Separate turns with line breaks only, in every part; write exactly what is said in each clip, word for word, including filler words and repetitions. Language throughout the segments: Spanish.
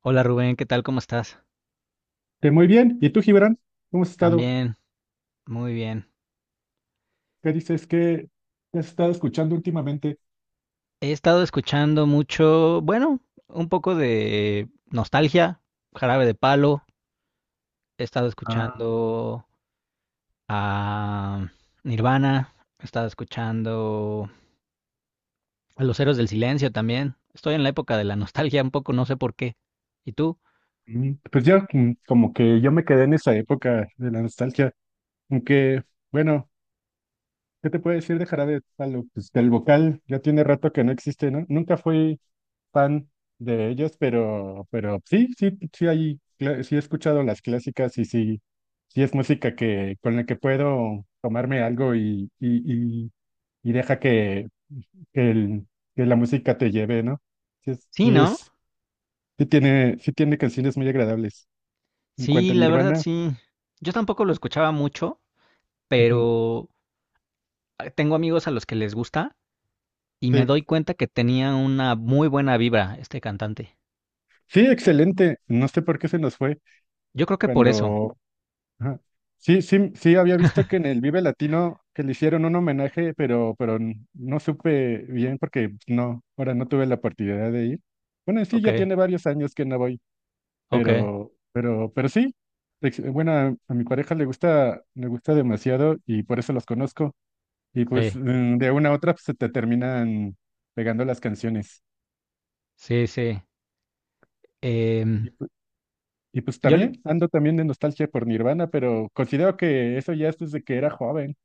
Hola Rubén, ¿qué tal? ¿Cómo estás?
Eh, muy bien. ¿Y tú, Gibran? ¿Cómo has estado?
También, muy bien.
¿Qué dices? ¿Qué has estado escuchando últimamente?
He estado escuchando mucho, bueno, un poco de nostalgia, Jarabe de Palo, he estado escuchando a Nirvana, he estado escuchando a Los Héroes del Silencio también. Estoy en la época de la nostalgia un poco, no sé por qué. ¿Y tú?
Mm, Pues yo mm, como que yo me quedé en esa época de la nostalgia. Aunque, bueno, ¿qué te puedo decir de Jarabe de Palo? Pues del vocal ya tiene rato que no existe, ¿no? Nunca fui fan de ellos, pero, pero sí, sí, sí hay, cla- sí he escuchado las clásicas y sí, sí es música que, con la que puedo tomarme algo y, y, y y deja que que, el- que la música te lleve, ¿no? Sí, es,
Sí,
sí,
¿no?
es, sí tiene, sí tiene canciones muy agradables. En cuanto
Sí,
a
la verdad
Nirvana,
sí. Yo tampoco lo escuchaba mucho,
ujú,
pero eh, tengo amigos a los que les gusta. Y me
sí,
doy cuenta que tenía una muy buena vibra este cantante.
sí, excelente. No sé por qué se nos fue
Yo creo que por eso.
cuando... ajá. Sí, sí, sí, había visto que en el Vive Latino que le hicieron un homenaje, pero, pero n- no supe bien porque no, ahora no tuve la oportunidad de ir. Bueno, sí, ya
Okay,
tiene varios años que no voy,
okay,
pero, pero, pero sí. ex- Bueno, a a mi pareja le gusta, le gusta demasiado y por eso los conozco. Y pues
sí,
mm, de una a otra pues, se te terminan pegando las canciones.
sí, sí. Em,
Y, pu- y pues
yo le...
también ando también de nostalgia por Nirvana, pero considero que eso ya es desde que era joven.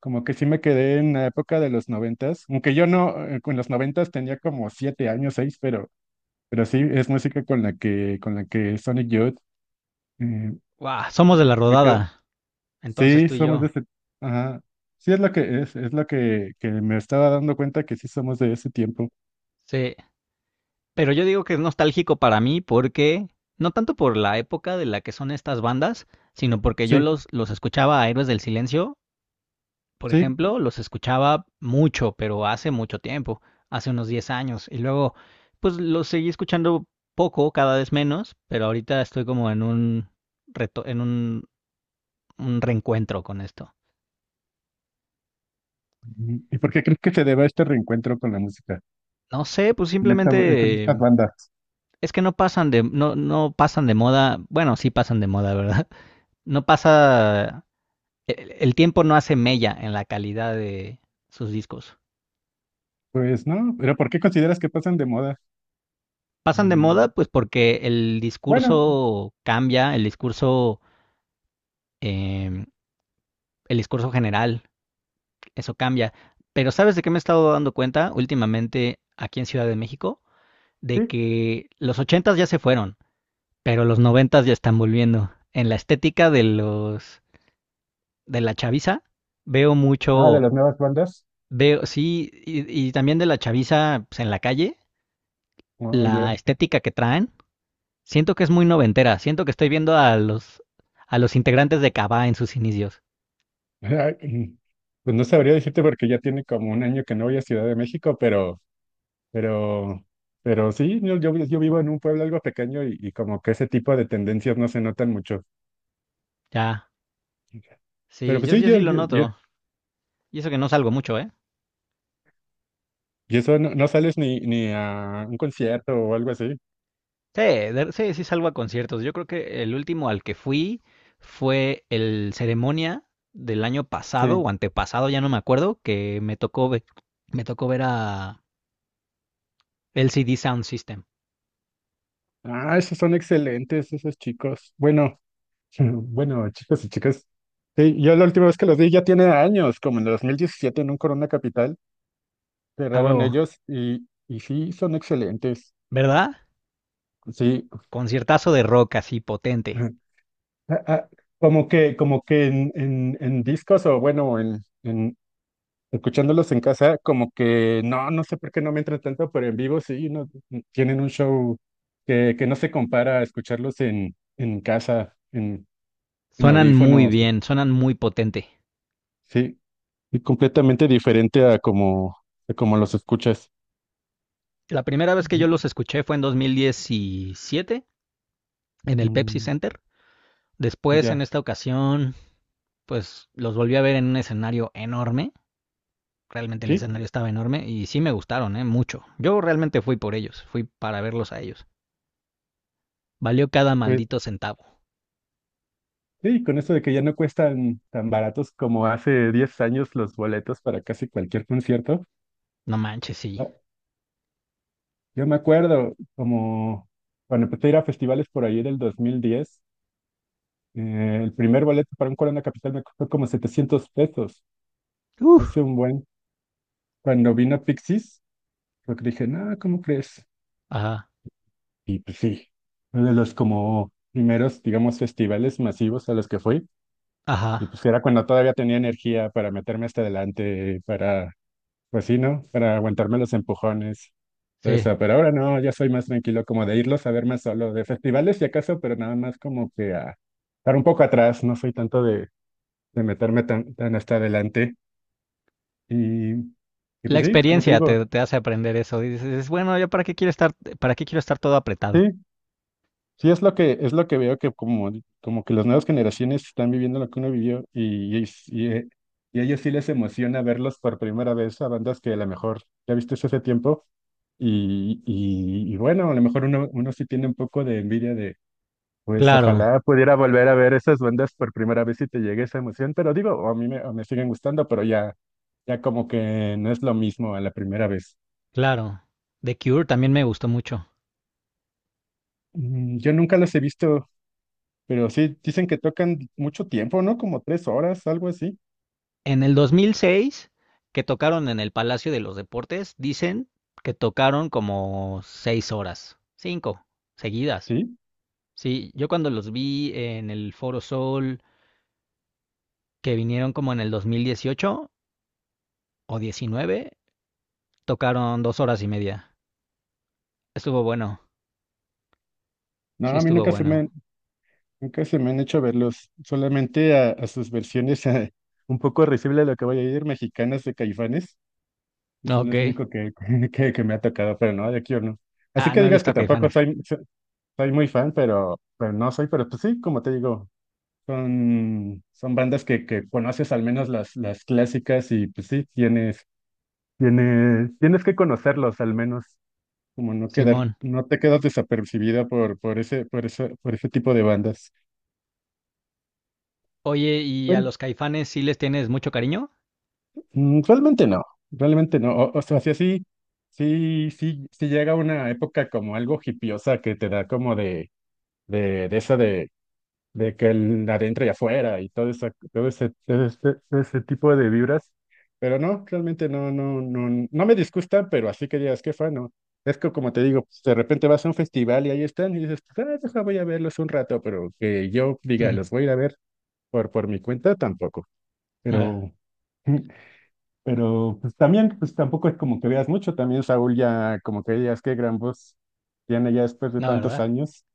Como que sí me quedé en la época de los noventas, aunque yo no, eh, con los noventas tenía como siete años, seis, pero, pero sí es música con la que, con la que Sonic Youth eh,
¡Guau! Somos de la
me queda.
rodada, entonces
Sí,
tú y
somos de
yo.
ese, ajá. Sí es lo que es, es lo que, que me estaba dando cuenta que sí somos de ese tiempo.
Sí, pero yo digo que es nostálgico para mí porque, no tanto por la época de la que son estas bandas, sino porque yo
Sí,
los, los escuchaba a Héroes del Silencio por
sí.
ejemplo, los escuchaba mucho, pero hace mucho tiempo, hace unos diez años. Y luego, pues los seguí escuchando poco, cada vez menos, pero ahorita estoy como en un reto, en un, un reencuentro con esto.
Mm, ¿Y por qué crees que se deba este reencuentro con la música,
No sé, pues
con esta, eh, con
simplemente
estas
eh,
bandas?
es que no pasan de, no, no pasan de moda. Bueno, sí pasan de moda, ¿verdad? No pasa, el, el tiempo no hace mella en la calidad de sus discos.
Pues no, pero ¿por qué consideras que pasan de moda?
Pasan de moda,
Mm,
pues porque el
Bueno,
discurso cambia, el discurso em, el discurso general, eso cambia. Pero ¿sabes de qué me he estado dando cuenta últimamente aquí en Ciudad de México? De
sí,
que los ochentas ya se fueron, pero los noventas ya están volviendo. En la estética de los de la chaviza veo
no, de
mucho,
las nuevas bandas.
veo sí y, y también de la chaviza pues, en la calle,
No,
la
yo,
estética que traen. Siento que es muy noventera. Siento que estoy viendo a los a los integrantes de Cava en sus inicios.
ay, mm, pues no sabría decirte porque ya tiene como un año que no voy a Ciudad de México, pero, pero, pero sí, yo, yo, yo vivo en un pueblo algo pequeño y, y como que ese tipo de tendencias no se notan mucho.
Ya,
Pero
sí,
pues
yo,
sí,
yo
yo,
sí lo
yo, yo,
noto. Y eso que no salgo mucho, ¿eh?
y eso no, no sales ni, ni a un concierto o algo así.
Sí, de- sí, sí salgo a conciertos. Yo creo que el último al que fui fue el ceremonia del año pasado o
Sí.
antepasado, ya no me acuerdo, que me tocó ver, me tocó ver a L C D Sound System.
Ah, esos son excelentes, esos chicos. Bueno, bueno, chicos y chicas. Sí, yo la última vez que los vi ya tiene años, como en el dos mil diecisiete en un Corona Capital,
A
cerraron
huevo,
ellos y, y sí, son excelentes.
¿verdad?
Sí.
Conciertazo de rock así potente.
Ajá. Ah, ah, como que, como que en, en, en discos o bueno, en, en escuchándolos en casa, como que no, no sé por qué no me entra tanto, pero en vivo sí, no, mm, tienen un show que, que no se compara a escucharlos en, en casa, en, en
Suenan muy
audífonos.
bien, suenan muy potente.
Sí, y completamente diferente a como, a como los escuchas.
La primera vez que yo
Ujú.
los escuché fue en dos mil diecisiete en el Pepsi
Mm,
Center. Después, en
ya,
esta ocasión, pues los volví a ver en un escenario enorme realmente el
sí,
escenario estaba enorme y sí me gustaron, ¿eh? Mucho. Yo realmente fui por ellos, fui para verlos a ellos. Valió cada
pues
maldito centavo.
sí, con eso de que ya no cuestan tan baratos como hace diez años los boletos para casi cualquier concierto.
No manches, sí.
Ah, yo me acuerdo como cuando empecé a ir a festivales por ahí del dos mil diez, eh, el primer boleto para un Corona Capital me costó como setecientos pesos.
Uf.
Hace un buen. Cuando vino Pixies, porque dije, no, ¿cómo crees?
Ajá,
Y pues sí, uno de los como primeros, digamos, festivales masivos a los que fui. Y
ajá,
pues era cuando todavía tenía energía para meterme hasta adelante, para, pues sí, ¿no? Para aguantarme los empujones, todo
sí.
eso. Pero ahora no, ya soy más tranquilo, como de irlos a ver más solo, de festivales si acaso, pero nada más como que a estar un poco atrás, no soy tanto de, de meterme tan, tan hasta adelante. Y, y
La
pues sí, como te
experiencia
digo,
te, te hace aprender eso. Dices, bueno, ¿yo para qué quiero estar, para qué quiero estar todo
sí,
apretado?
sí, es lo que, es lo que veo que como, como que las nuevas generaciones están viviendo lo que uno vivió y, y, y, eh, y a ellos sí les emociona verlos por primera vez a bandas que a lo mejor ya viste hace tiempo y, y, y bueno, a lo mejor uno, uno sí tiene un poco de envidia de, pues
Claro,
ojalá pudiera volver a ver esas bandas por primera vez y te llegue esa emoción, pero digo, a mí me, me siguen gustando, pero ya, ya como que no es lo mismo a la primera vez.
claro. The Cure también me gustó mucho.
Mm, Yo nunca los he visto. Pero sí, dicen que tocan mucho tiempo, ¿no? Como tres horas, algo así.
En el dos mil seis, que tocaron en el Palacio de los Deportes, dicen que tocaron como seis horas, cinco, seguidas.
Sí.
Sí, yo cuando los vi en el Foro Sol, que vinieron como en el dos mil dieciocho o diecinueve, tocaron dos horas y media. Estuvo bueno,
No,
sí
a mí
estuvo
nunca se me
bueno.
han, nunca se me han hecho verlos, solamente a, a sus versiones eh, un poco risible de lo que voy a ir, mexicanas de Caifanes. Son
Ok.
los únicos que, que, que me ha tocado, pero no, de aquí o no. Así
Ah,
que
no he
digas
visto
que
a
tampoco
Caifanes.
soy, so- soy muy fan, pero, pero no soy, pero pues sí, como te digo, son, son bandas que, que conoces al menos las, las clásicas y pues sí, tienes, tienes, tienes que conocerlos al menos. Como no quedar,
Simón.
no te quedas desapercibida por, por ese, por ese por ese tipo de bandas.
Oye, ¿y a
Bueno,
los Caifanes sí les tienes mucho cariño?
mm, realmente no, realmente no. O, o sea, sí, sí, sí, sí, sí llega una época como algo hipiosa que te da como de, de, de esa de de que el adentro y afuera y todo esa- todo ese, todo ese, todo ese tipo de vibras. Pero no, realmente no, no, no, no me disgusta, pero así que digas, qué fan, ¿no? Es que como te digo, pues, de repente vas a un festival y ahí están y dices, pues, ah, deja, voy a verlos un rato, pero que yo diga, los voy a ir a ver por, por mi cuenta, tampoco. Pero, pero pues también, pues tampoco es como que veas mucho, también Saúl ya como que digas, qué gran voz tiene ya después de
No,
tantos
¿verdad?
años,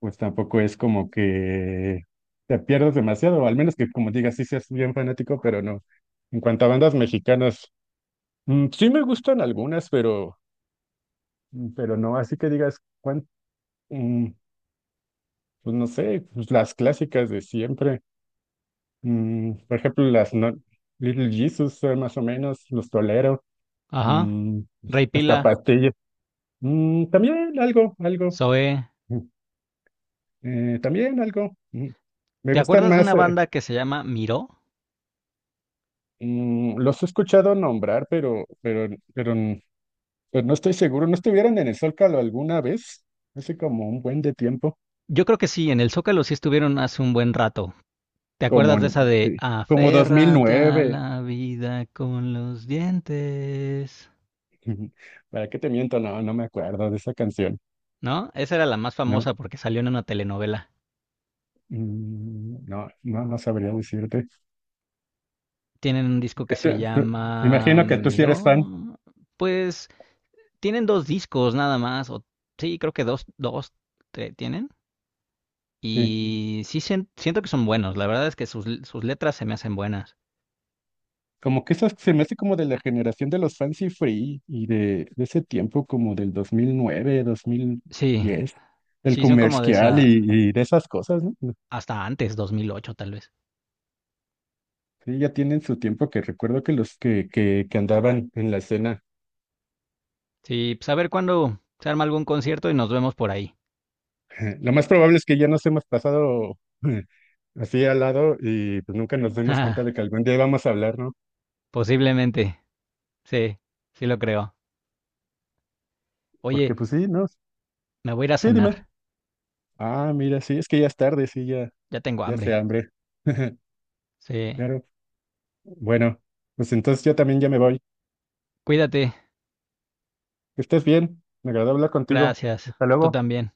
pues tampoco es como que te pierdas demasiado, o al menos que como digas, sí seas bien fanático, pero no. En cuanto a bandas mexicanas, mm, sí me gustan algunas, pero, mm, pero no, así que digas, cuán- mm, pues no sé, pues las clásicas de siempre. Mm, por ejemplo, las no- Little Jesus, eh, más o menos, los tolero,
Ajá.
mm,
Rey
hasta
Pila,
Pastillas. Mm, también algo, algo,
Zoé.
mm, eh, también algo. mm. Me
¿Te
gustan
acuerdas de
más.
una
Eh,
banda que se llama Miró?
Mm, los he escuchado nombrar, pero, pero, pero, n- pero no estoy seguro. ¿No estuvieron en el Zócalo alguna vez? Hace como un buen de tiempo,
Yo creo que sí, en el Zócalo sí estuvieron hace un buen rato. ¿Te
como
acuerdas de esa
en,
de
sí, como dos mil
aférrate a
nueve
la vida con los dientes?
¿Para qué te miento? No, no me acuerdo de esa canción.
¿No? Esa era la más
No,
famosa porque salió en una telenovela.
Mm, no, no, no sabría decirte.
Tienen un disco que se
¿Tú- tú- Me
llama
imagino que tú sí eres fan.
Miró. Pues tienen dos discos nada más. O, sí, creo que dos, dos tre- tienen.
Sí.
Y sí sien- siento que son buenos. La verdad es que sus, sus letras se me hacen buenas.
Como que esas se me hace como de la generación de los Fancy Free y de, de ese tiempo como del dos dos mil nueve dos mil
Sí,
diez del
sí, son como de
comercial
esa...
y, y de esas cosas, ¿no?
Hasta antes, dos mil ocho tal vez.
Sí, ya tienen su tiempo que recuerdo que los que, que, que andaban en la escena.
Sí, pues a ver cuándo se arma algún concierto y nos vemos por ahí.
Lo más probable es que ya nos hemos pasado así al lado y pues nunca nos dimos cuenta de que algún día vamos a hablar, ¿no?
Posiblemente. Sí, sí lo creo. Oye,
Porque pues sí, ¿no?
me voy a ir a
Sí, dime.
cenar.
Ah, mira, sí, es que ya es tarde, sí, ya,
Ya tengo
ya
hambre.
se hambre.
Sí.
Claro. Bueno, pues entonces yo también ya me voy.
Cuídate.
Que estés bien. Me agradó hablar contigo.
Gracias.
Hasta
Tú
luego.
también.